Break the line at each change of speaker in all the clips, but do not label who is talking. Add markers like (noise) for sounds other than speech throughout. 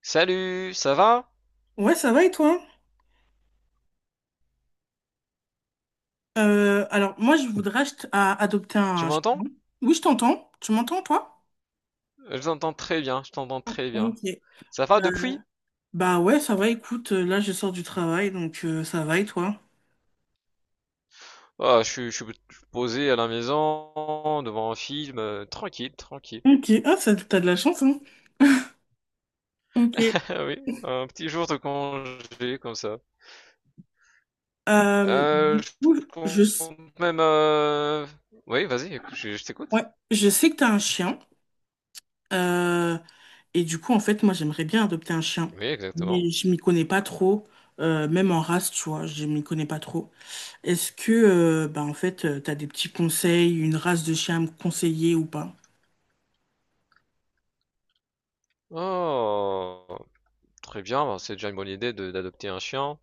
Salut, ça va?
Ouais, ça va et toi? Moi, je voudrais adopter
Tu
un chien.
m'entends?
Oui, je t'entends. Tu m'entends, toi?
Je t'entends très bien, je t'entends très
Ok.
bien. Ça
Euh,
va depuis?
Bah ouais, ça va, écoute, là, je sors du travail, donc ça va et toi?
Ah, je suis posé à la maison, devant un film, tranquille, tranquille.
Ok. Ah, ça, t'as de la chance, hein? Ok.
(laughs) Ah oui, un petit jour de congé comme ça.
Euh, du
Je
coup, je, s-
compte même oui, vas-y, je
ouais,
t'écoute.
je sais que t'as un chien. euh, et du coup, en fait, moi, j'aimerais bien adopter un chien.
Oui, exactement.
Mais je m'y connais pas trop, même en race, tu vois, je m'y connais pas trop. Est-ce que, En fait, t'as des petits conseils, une race de chien à me conseiller ou pas?
Oh, très bien, bah, c'est déjà une bonne idée d'adopter un chien.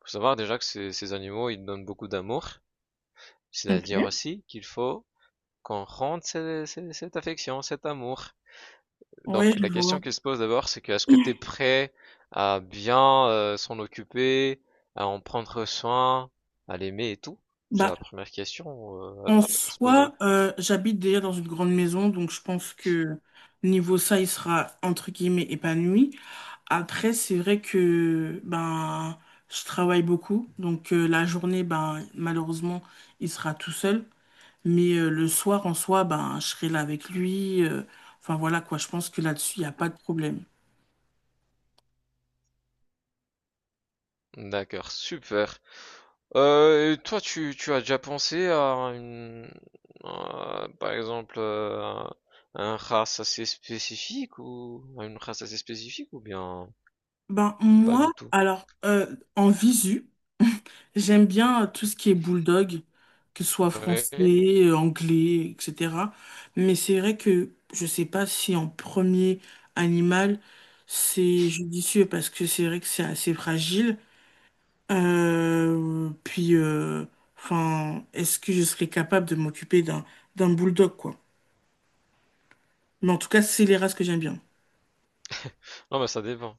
Faut savoir déjà que ces animaux, ils donnent beaucoup d'amour. C'est-à-dire
Ok.
aussi qu'il faut qu'on rende cette affection, cet amour. Donc
Ouais, je
la
vois.
question qui se pose d'abord, c'est que est-ce que tu es prêt à bien s'en occuper, à en prendre soin, à l'aimer et tout? C'est
Bah,
la première question à,
en
à se poser.
soi, j'habite déjà dans une grande maison, donc je pense que niveau ça, il sera entre guillemets épanoui. Après, c'est vrai que ben je travaille beaucoup, donc la journée, ben malheureusement, il sera tout seul. Mais le soir, en soi, ben je serai là avec lui. Enfin voilà quoi, je pense que là-dessus, il n'y a pas de problème.
D'accord, super. Et toi, tu as déjà pensé à une, à, par exemple, à un race assez spécifique ou à une race assez spécifique ou bien
Ben,
pas
moi,
du tout?
alors, en visu, j'aime bien tout ce qui est bulldog, que ce soit français,
Ouais.
anglais, etc. Mais c'est vrai que je sais pas si en premier animal, c'est judicieux parce que c'est vrai que c'est assez fragile. Euh, puis, euh, enfin, est-ce que je serais capable de m'occuper d'un bulldog, quoi? Mais en tout cas, c'est les races que j'aime bien.
Non, mais ça dépend.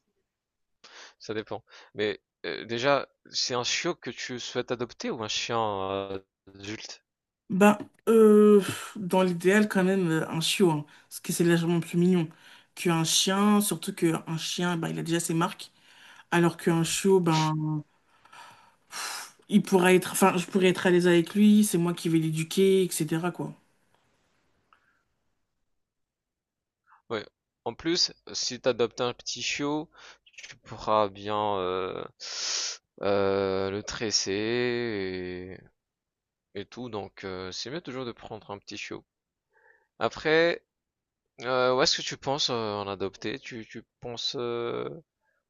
Ça dépend. Mais déjà, c'est un chiot que tu souhaites adopter ou un chien euh, adulte?
Ben, euh, dans l'idéal, quand même, un chiot, hein, parce que c'est légèrement plus mignon qu'un chien, surtout qu'un chien, ben, il a déjà ses marques, alors qu'un chiot, ben, il pourra être, enfin, je pourrais être à l'aise avec lui, c'est moi qui vais l'éduquer, etc., quoi.
Ouais. En plus, si tu adoptes un petit chiot, tu pourras bien le tresser et tout. Donc, c'est mieux toujours de prendre un petit chiot. Après, où est-ce que tu penses en adopter? Tu penses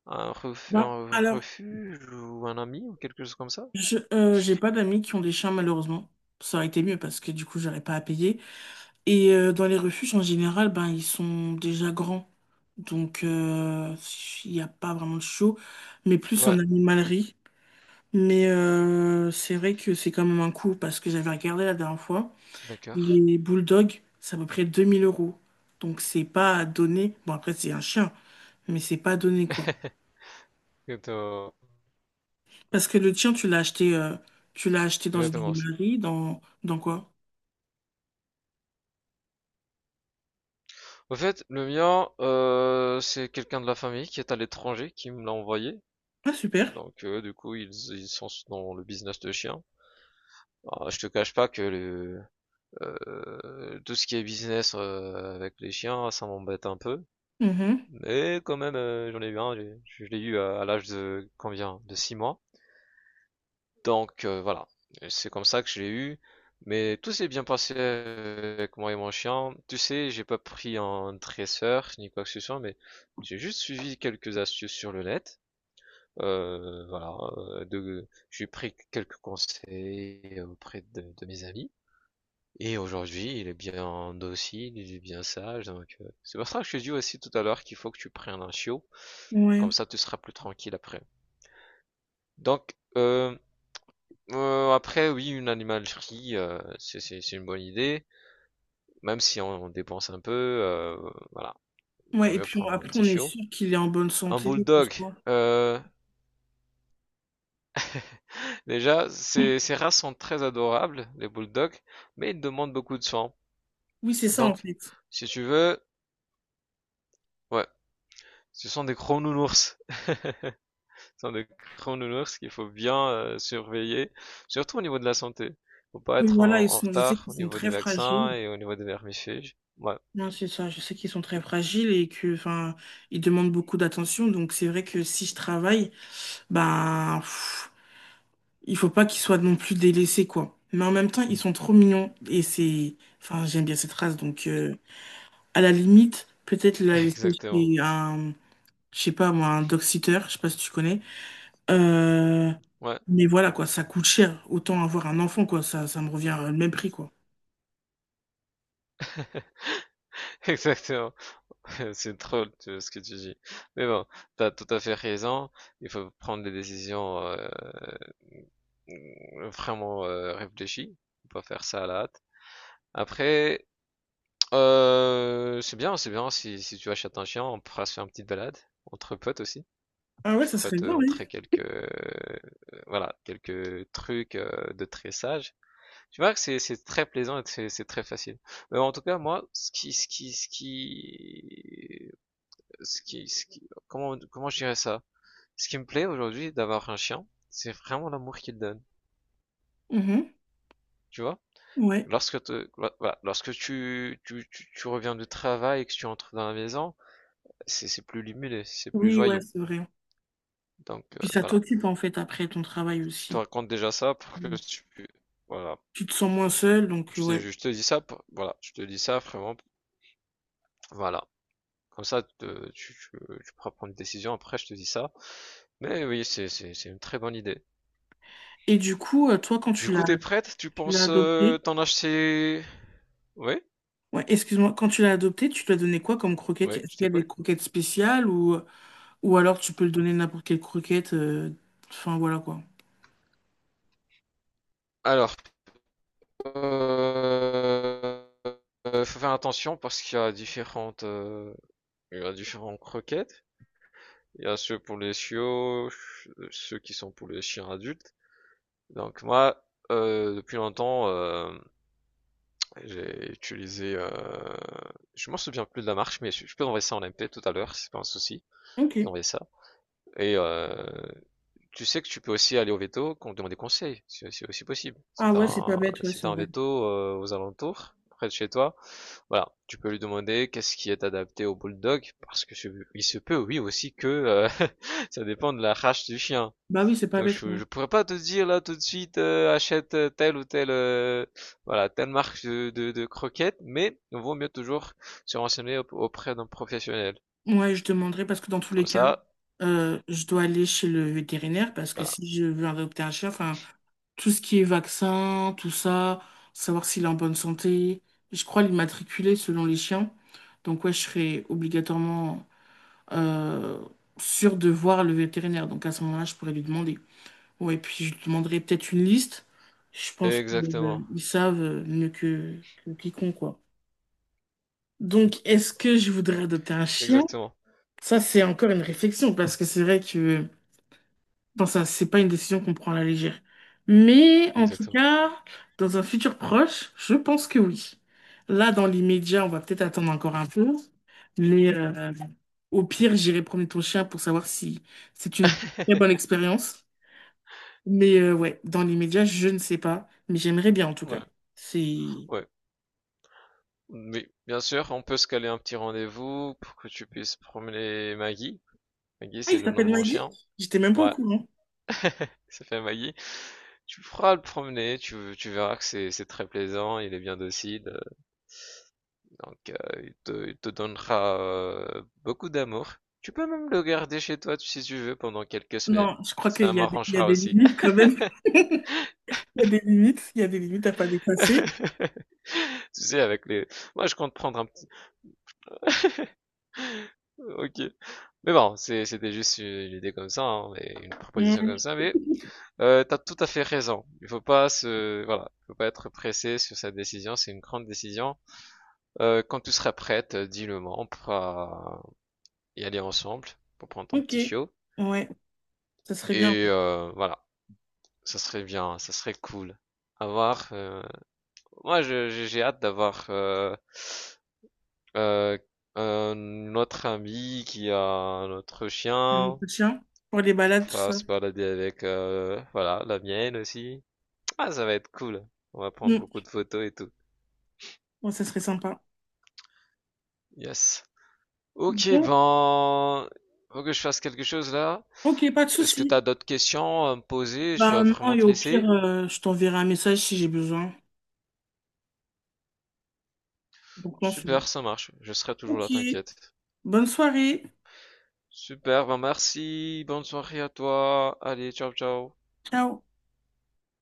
à un, ref-
Ben,
un
alors,
refuge ou un ami ou quelque chose comme ça?
j'ai pas d'amis qui ont des chiens, malheureusement. Ça aurait été mieux parce que du coup, j'aurais pas à payer. Et dans les refuges, en général, ben, ils sont déjà grands, donc il n'y a pas vraiment de chiot, mais plus
Ouais,
en animalerie. Mais c'est vrai que c'est quand même un coût parce que j'avais regardé la dernière fois.
d'accord.
Les bulldogs, c'est à peu près 2000 euros. Donc c'est pas à donner. Bon après c'est un chien, mais c'est pas à donner quoi.
Exactement.
Parce que le tien, tu l'as acheté dans une
Exactement.
animalerie, dans quoi?
Au fait, le mien, c'est quelqu'un de la famille qui est à l'étranger qui me l'a envoyé.
Ah super.
Donc, du coup, ils sont dans le business de chiens. Alors, je te cache pas que tout ce qui est business avec les chiens, ça m'embête un peu.
Mhm.
Mais quand même, j'en ai eu un. Je l'ai eu à l'âge de combien? De 6 mois. Donc voilà, c'est comme ça que je l'ai eu. Mais tout s'est bien passé avec moi et mon chien. Tu sais, j'ai pas pris un dresseur ni quoi que ce soit, mais j'ai juste suivi quelques astuces sur le net. Voilà, j'ai pris quelques conseils auprès de mes amis. Et aujourd'hui, il est bien docile, il est bien sage. Donc, c'est pour ça que je te dis aussi tout à l'heure qu'il faut que tu prennes un chiot.
Ouais.
Comme ça, tu seras plus tranquille après. Donc, après oui, une animalerie, c'est une bonne idée, même si on dépense un peu, voilà, il vaut
Ouais, et
mieux
puis on-
prendre un
après
petit
on est
chiot.
sûr qu'il est en bonne
Un
santé, tout
bulldog,
ça.
heu, (laughs) déjà ces races sont très adorables, les bulldogs, mais ils demandent beaucoup de soins.
Oui, c'est ça en
Donc
fait.
si tu veux ouais, ce sont des gros nounours. (laughs) Ce sont des gros nounours qu'il faut bien, surveiller, surtout au niveau de la santé. Faut pas
Oui,
être
voilà,
en
je sais
retard
qu'ils
au
sont
niveau
très
des vaccins
fragiles.
et au niveau des vermifuges. Ouais,
Non, c'est ça. Je sais qu'ils sont très fragiles et que, enfin, ils demandent beaucoup d'attention. Donc, c'est vrai que si je travaille, ben, pff, il faut pas qu'ils soient non plus délaissés, quoi. Mais en même temps, ils sont trop mignons et c'est, enfin, j'aime bien cette race. Donc, à la limite, peut-être la
(laughs)
laisser
exactement.
chez un, je sais pas moi, un dog sitter. Je sais pas si tu connais. Euh,
Ouais.
mais voilà, quoi. Ça coûte cher. Autant avoir un enfant, quoi. Ça me revient au même prix, quoi.
Exactement. (laughs) C'est drôle ce que tu dis. Mais bon, t'as tout à fait raison. Il faut prendre des décisions vraiment réfléchies. Faut pas faire ça à la hâte. Après, c'est bien, c'est bien. Si tu achètes un chien, on pourra se faire une petite balade entre potes aussi.
Ah ouais,
Je
ça
pourrais
serait
te
bien, oui.
montrer voilà, quelques trucs de tressage. Tu vois que c'est très plaisant et c'est très facile. Mais en tout cas, moi, comment je dirais ça? Ce qui me plaît aujourd'hui d'avoir un chien, c'est vraiment l'amour qu'il donne.
Mhm.
Tu vois?
Ouais.
Lorsque voilà, lorsque tu reviens du travail et que tu entres dans la maison, c'est plus limulé, c'est plus
Oui, ouais,
joyeux.
c'est vrai.
Donc,
Puis ça
voilà.
t'occupe en fait après ton travail
Je te
aussi.
raconte déjà ça pour que
Mm.
voilà.
Tu te sens moins seul, donc
Je te,
ouais.
je te dis ça voilà. Je te dis ça vraiment, voilà. Comme ça, tu pourras prendre une décision après, je te dis ça. Mais oui, c'est une très bonne idée.
Et du coup, toi, quand
Du coup, t'es prête? Tu
tu l'as
penses
adopté,
t'en acheter. Ouais,
ouais, excuse-moi, quand tu l'as adopté, tu lui as donné quoi comme croquette?
ouais,
Est-ce
je
qu'il y a des
t'écoute.
croquettes spéciales ou alors tu peux le donner n'importe quelle croquette, enfin voilà quoi.
Alors, euh, faut faire attention parce qu'il y a il y a différentes croquettes. Il y a ceux pour les chiots, ceux qui sont pour les chiens adultes. Donc moi, depuis longtemps, j'ai utilisé, je m'en souviens plus de la marque, mais je peux envoyer ça en MP tout à l'heure, c'est pas un souci.
Ok.
Je peux envoyer ça. Et tu sais que tu peux aussi aller au veto, qu'on te demande des conseils, c'est aussi possible. Si
Ah
t'as
ouais, c'est pas
un,
bête, ouais,
si
c'est
t'as un
vrai.
veto aux alentours, près de chez toi, voilà, tu peux lui demander qu'est-ce qui est adapté au bulldog, parce que il se peut, oui aussi que (laughs) ça dépend de la race du chien.
Bah oui, c'est pas
Donc
bête,
je,
ouais.
je pourrais pas te dire là tout de suite achète telle ou telle voilà telle marque de croquettes, mais il vaut mieux toujours se renseigner auprès d'un professionnel.
Ouais, je demanderai parce que dans tous les
Comme
cas,
ça,
je dois aller chez le vétérinaire parce que
voilà,
si je veux adopter un chien, enfin, tout ce qui est vaccin, tout ça, savoir s'il est en bonne santé. Je crois l'immatriculer selon les chiens. Donc ouais, je serais obligatoirement euh, sûr de voir le vétérinaire. Donc à ce moment-là, je pourrais lui demander. Ouais, puis je lui demanderais peut-être une liste. Je pense
exactement,
qu'ils savent mieux que quiconque, quoi. Donc est-ce que je voudrais adopter un chien?
exactement,
Ça, c'est encore une réflexion, parce que c'est vrai que bon, ça, c'est pas une décision qu'on prend à la légère. Mais en tout
exactement.
cas, dans un futur proche, je pense que oui. Là, dans l'immédiat, on va peut-être attendre encore un peu. Mais au pire, j'irai promener ton chien pour savoir si c'est une très bonne
(laughs)
expérience. Mais ouais, dans l'immédiat, je ne sais pas. Mais j'aimerais bien en tout
Ouais.
cas. C'est...
Ouais. Mais bien sûr, on peut se caler un petit rendez-vous pour que tu puisses promener Maggie. Maggie,
Ah,
c'est
il
le nom
s'appelle
de mon
Maggie?
chien.
J'étais même pas au
Ouais,
courant.
ça fait Maggie. Tu feras le promener, tu verras que c'est très plaisant, il est bien docile, donc il te donnera beaucoup d'amour. Tu peux même le garder chez toi si tu veux pendant quelques semaines.
Non, je crois qu'il
Ça
y a des, il y a
m'arrangera
des
aussi.
limites quand même. (laughs) Il y a des limites. Il y a des limites à pas dépasser.
(laughs) Tu sais, avec les. Moi, je compte prendre un petit. Ok. Mais bon, c'était juste une idée comme ça, hein, mais une proposition comme
Mm.
ça, mais t'as tout à fait raison. Il faut pas voilà, faut pas être pressé sur cette décision. C'est une grande décision. Quand tu seras prête, dis-le moi. On pourra y aller ensemble pour prendre ton
Ok.
petit chiot.
Ouais. Ça serait bien,
Et
ouais.
voilà, ça serait bien, ça serait cool. Avoir, moi, j'ai hâte d'avoir euh, notre ami qui a notre
Un
chien.
petit chien, pour les
Tu
balades, tout
pourras
ça.
se balader avec, voilà, la mienne aussi. Ah, ça va être cool. On va prendre
Mm.
beaucoup de photos et tout.
Ouais, ça serait sympa.
Yes. Ok,
Bon,
ben, faut que je fasse quelque chose là.
ok, pas de
Est-ce que
souci.
t'as d'autres questions à me poser? Je
Bah
dois
non,
vraiment
et
te
au pire,
laisser.
je t'enverrai un message si j'ai besoin. Donc non, c'est bon.
Super, ça marche. Je serai toujours
Ok,
là, t'inquiète.
bonne soirée.
Super, ben merci. Bonne soirée à toi. Allez, ciao, ciao.
Ciao.